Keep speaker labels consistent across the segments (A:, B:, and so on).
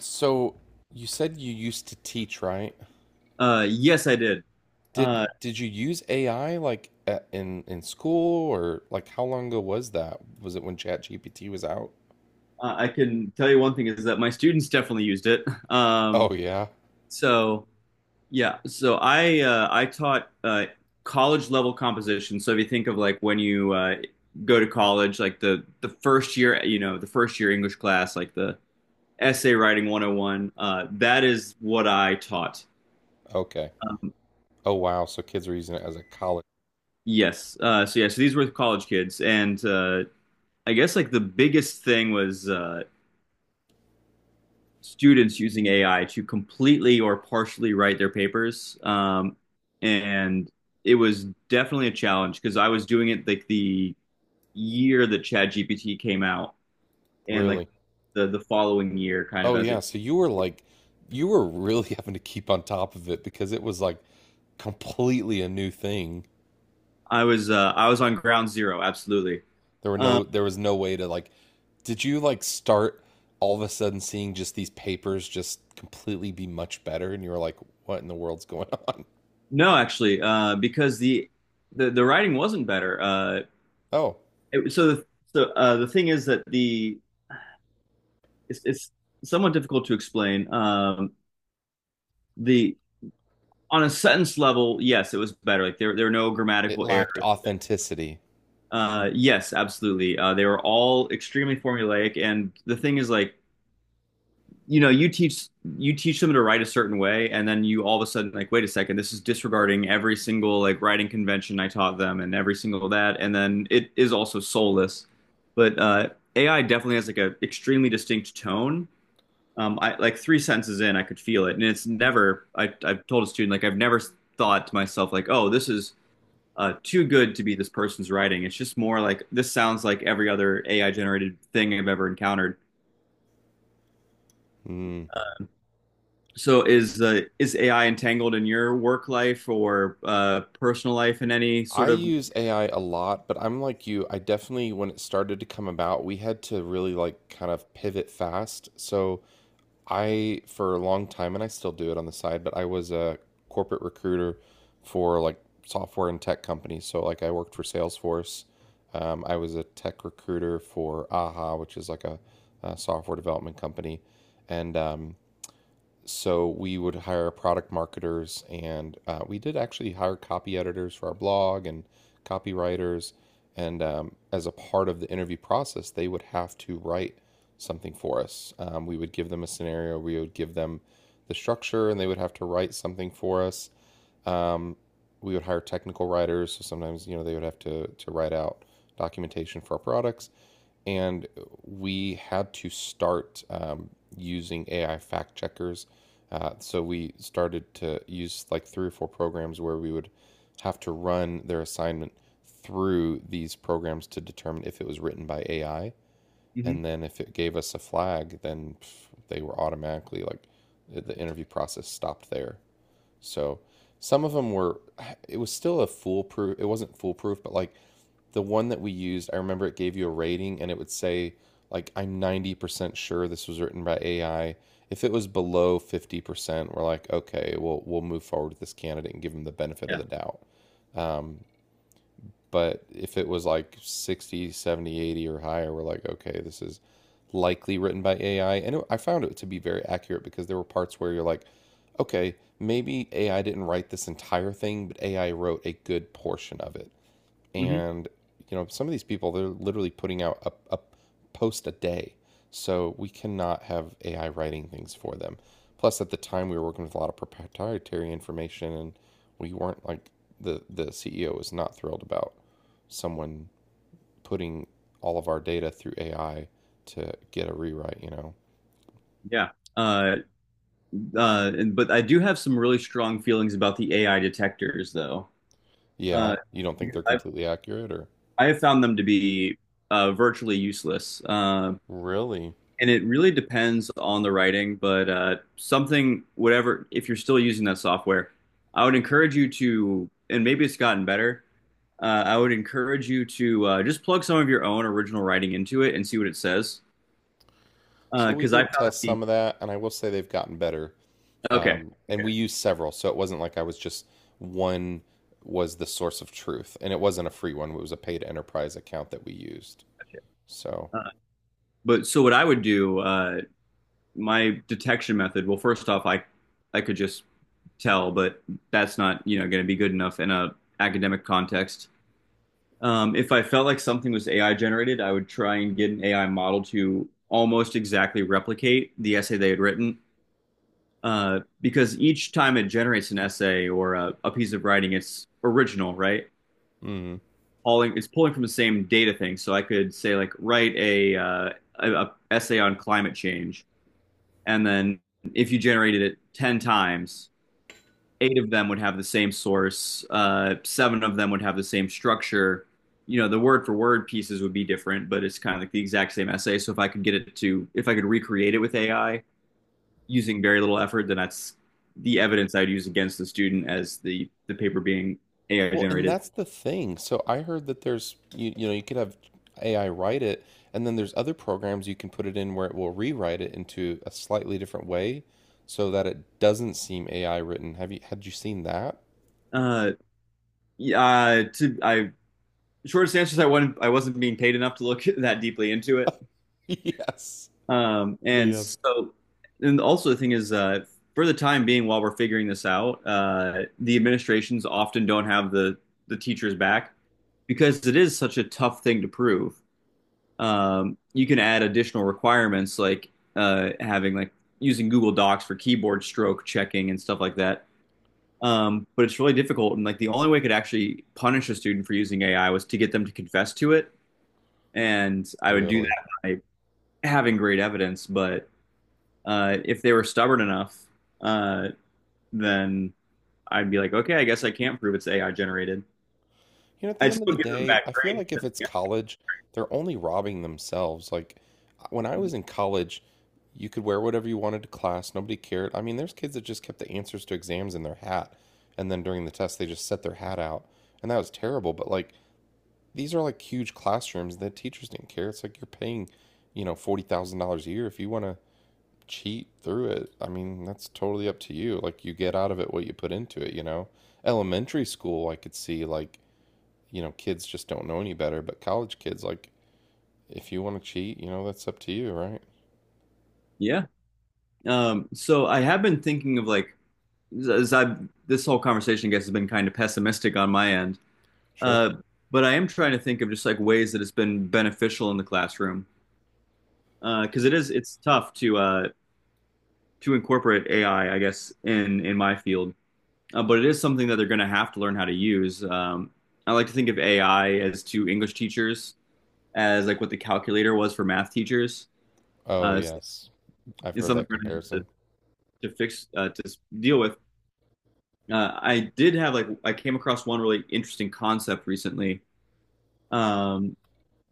A: So you said you used to teach, right?
B: Yes, I did.
A: Did
B: Uh,
A: did you use AI like at, in school or like how long ago was that? Was it when ChatGPT was out?
B: I can tell you one thing is that my students definitely used it. Um,
A: Oh yeah.
B: so I taught college level composition. So if you think of like when you go to college, like the first year, the first year English class, like the essay writing 101, that is what I taught.
A: Okay.
B: Um,
A: Oh wow. So kids are using it as a college.
B: yes. So these were college kids, and I guess like the biggest thing was. Students using AI to completely or partially write their papers. And it was definitely a challenge because I was doing it like the year that ChatGPT came out and like
A: Really?
B: the following year kind of
A: Oh
B: as
A: yeah.
B: it
A: So you were like you were really having to keep on top of it because it was like completely a new thing.
B: I was on ground zero absolutely. Uh,
A: There was no way to like did you like start all of a sudden seeing just these papers just completely be much better and you were like what in the world's going on?
B: no actually because the writing wasn't better.
A: Oh,
B: It, so the so The thing is that it's somewhat difficult to explain. The On a sentence level, yes, it was better. Like there were no
A: it
B: grammatical errors.
A: lacked authenticity.
B: Yes, absolutely. They were all extremely formulaic, and the thing is, like, you know, you teach them to write a certain way, and then you all of a sudden like, wait a second, this is disregarding every single like writing convention I taught them, and every single that, and then it is also soulless. But AI definitely has like a extremely distinct tone. I like three sentences in, I could feel it, and it's never. I've told a student like I've never thought to myself like, oh, this is too good to be this person's writing. It's just more like this sounds like every other AI generated thing I've ever encountered.
A: Hmm.
B: So is AI entangled in your work life or personal life in any
A: I
B: sort of?
A: use AI a lot, but I'm like you. I definitely, when it started to come about, we had to really like kind of pivot fast. So I, for a long time, and I still do it on the side, but I was a corporate recruiter for like software and tech companies. So like I worked for Salesforce. I was a tech recruiter for AHA, which is like a software development company, and so we would hire product marketers, and we did actually hire copy editors for our blog and copywriters. And as a part of the interview process, they would have to write something for us. We would give them a scenario, we would give them the structure, and they would have to write something for us. Um, we would hire technical writers, so sometimes they would have to write out documentation for our products, and we had to start using AI fact checkers. So we started to use like three or four programs where we would have to run their assignment through these programs to determine if it was written by AI.
B: Mhm.
A: And then if it gave us a flag, then they were automatically like the interview process stopped there. So some of them were, it was still a foolproof, it wasn't foolproof, but like the one that we used, I remember it gave you a rating and it would say, like, I'm 90% sure this was written by AI. If it was below 50%, we're like, okay, we'll move forward with this candidate and give them the benefit of
B: Yeah,
A: the doubt. Um, but if it was like 60, 70, 80, or higher, we're like, okay, this is likely written by AI. And it, I found it to be very accurate because there were parts where you're like, okay, maybe AI didn't write this entire thing, but AI wrote a good portion of it.
B: hmm,
A: And some of these people, they're literally putting out a post a day, so we cannot have AI writing things for them. Plus at the time we were working with a lot of proprietary information, and we weren't like, the CEO was not thrilled about someone putting all of our data through AI to get a rewrite.
B: yeah. Uh, but I do have some really strong feelings about the AI detectors, though. Uh,
A: Yeah, you don't think
B: because
A: they're
B: I've
A: completely accurate, or?
B: I have found them to be virtually useless.
A: Really?
B: And it really depends on the writing, but something, whatever, if you're still using that software, I would encourage you to, and maybe it's gotten better, I would encourage you to just plug some of your own original writing into it and see what it says.
A: So we
B: Because I
A: did
B: found
A: test
B: the,
A: some of that, and I will say they've gotten better.
B: okay,
A: And
B: okay.
A: we used several, so it wasn't like I was just one, was the source of truth, and it wasn't a free one. It was a paid enterprise account that we used. So,
B: Uh, but so what I would do, my detection method, well, first off, I could just tell, but that's not, you know, going to be good enough in a academic context. If I felt like something was AI generated, I would try and get an AI model to almost exactly replicate the essay they had written. Because each time it generates an essay or a piece of writing, it's original, right?
A: mm.
B: Pulling, it's pulling from the same data thing. So I could say like write a essay on climate change, and then if you generated it 10 times, 8 of them would have the same source, 7 of them would have the same structure. You know, the word for word pieces would be different, but it's kind of like the exact same essay. So if I could get it to, if I could recreate it with AI using very little effort, then that's the evidence I'd use against the student as the paper being AI
A: Well, and
B: generated.
A: that's the thing. So I heard that there's you could have AI write it, and then there's other programs you can put it in where it will rewrite it into a slightly different way, so that it doesn't seem AI written. Have you had you seen that?
B: Uh, yeah, to I shortest answer is I wasn't being paid enough to look that deeply into it.
A: Yes.
B: And
A: Yeah.
B: so, and Also the thing is, for the time being, while we're figuring this out, the administrations often don't have the teachers back because it is such a tough thing to prove. You can add additional requirements like having like using Google Docs for keyboard stroke checking and stuff like that. But it's really difficult, and like the only way I could actually punish a student for using AI was to get them to confess to it, and I would do
A: Really.
B: that by having great evidence, but if they were stubborn enough, uh, then I'd be like, okay, I guess I can't prove it's AI generated.
A: At the
B: I'd
A: end of
B: still
A: the
B: give them
A: day,
B: back
A: I feel
B: grade.
A: like if it's
B: Yeah.
A: college, they're only robbing themselves. Like when I was in college, you could wear whatever you wanted to class, nobody cared. I mean, there's kids that just kept the answers to exams in their hat, and then during the test, they just set their hat out, and that was terrible. But like these are like huge classrooms that teachers didn't care. It's like you're paying $40,000 a year. If you want to cheat through it, I mean, that's totally up to you. Like you get out of it what you put into it. Elementary school, I could see, like, kids just don't know any better, but college kids, like, if you want to cheat, that's up to you, right?
B: Yeah. So I have been thinking of like, as I this whole conversation, I guess, has been kind of pessimistic on my end.
A: Sure.
B: Uh, but I am trying to think of just like ways that it's been beneficial in the classroom because it's tough to incorporate AI, I guess, in my field. But it is something that they're going to have to learn how to use. I like to think of AI as to English teachers as like what the calculator was for math teachers.
A: Oh,
B: So
A: yes. I've
B: it's
A: heard
B: something
A: that
B: we're going to have to
A: comparison.
B: fix deal with. I did have like I came across one really interesting concept recently. Um,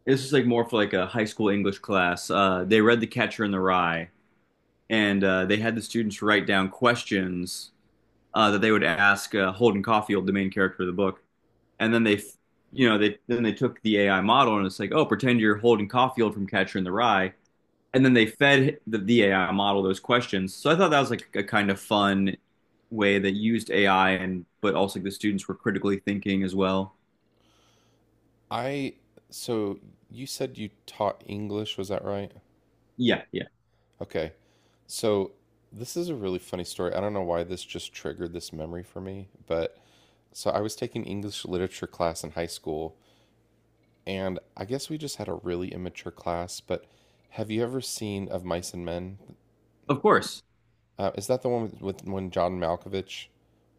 B: this is like more for like a high school English class. They read The Catcher in the Rye, and they had the students write down questions that they would ask Holden Caulfield, the main character of the book, and then they you know they then they took the AI model and it's like, oh, pretend you're Holden Caulfield from Catcher in the Rye, and then they fed the AI model those questions. So I thought that was like a kind of fun way that used AI, and but also the students were critically thinking as well.
A: I, so you said you taught English, was that right?
B: Yeah, yeah,
A: Okay. So this is a really funny story. I don't know why this just triggered this memory for me, but so I was taking English literature class in high school, and I guess we just had a really immature class, but have you ever seen Of Mice and Men?
B: of course.
A: Is that the one with when John Malkovich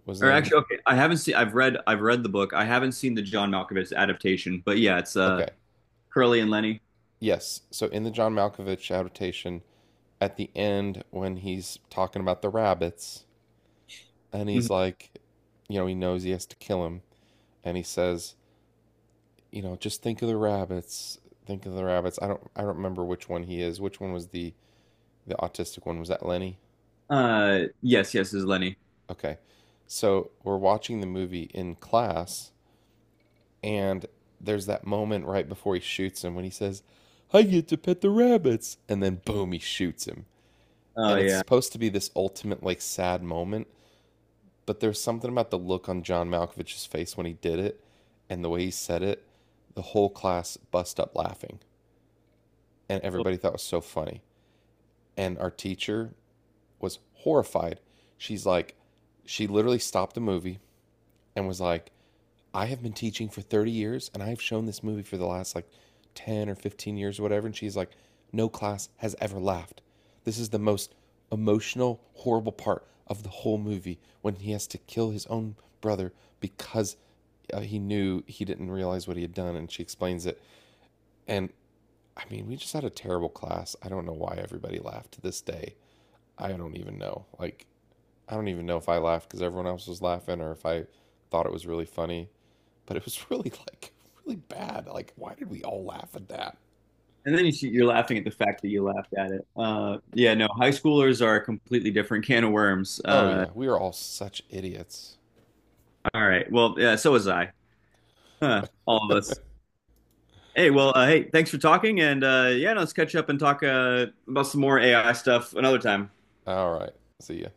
A: was
B: Or
A: in?
B: actually, okay, I haven't seen. I've read the book. I haven't seen the John Malkovich adaptation, but yeah, it's uh,
A: Okay.
B: Curly and Lenny.
A: Yes. So in the John Malkovich adaptation, at the end when he's talking about the rabbits, and he's
B: Mhm.
A: like, he knows he has to kill him, and he says, just think of the rabbits. Think of the rabbits. I don't remember which one he is. Which one was the autistic one? Was that Lenny?
B: Yes, is Lenny.
A: Okay. So we're watching the movie in class, and there's that moment right before he shoots him when he says, I get to pet the rabbits. And then boom, he shoots him.
B: Oh
A: And it's
B: yeah.
A: supposed to be this ultimate like sad moment, but there's something about the look on John Malkovich's face when he did it and the way he said it, the whole class bust up laughing and
B: Oh.
A: everybody thought it was so funny. And our teacher was horrified. She's like, she literally stopped the movie and was like, I have been teaching for 30 years and I've shown this movie for the last like 10 or 15 years or whatever. And she's like, no class has ever laughed. This is the most emotional, horrible part of the whole movie when he has to kill his own brother because he knew, he didn't realize what he had done. And she explains it. And I mean, we just had a terrible class. I don't know why everybody laughed to this day. I don't even know. Like, I don't even know if I laughed because everyone else was laughing, or if I thought it was really funny, but it was really like really bad. Like, why did we all laugh at that?
B: And then you, see- you're laughing at the fact that you laughed at it. Yeah, no, high schoolers are a completely different can of worms.
A: Oh yeah, we are all such idiots.
B: All right. Well, yeah, so was I. Huh, all of us. Hey, well, hey, thanks for talking. And yeah, no, let's catch up and talk about some more AI stuff another time.
A: All right, see ya.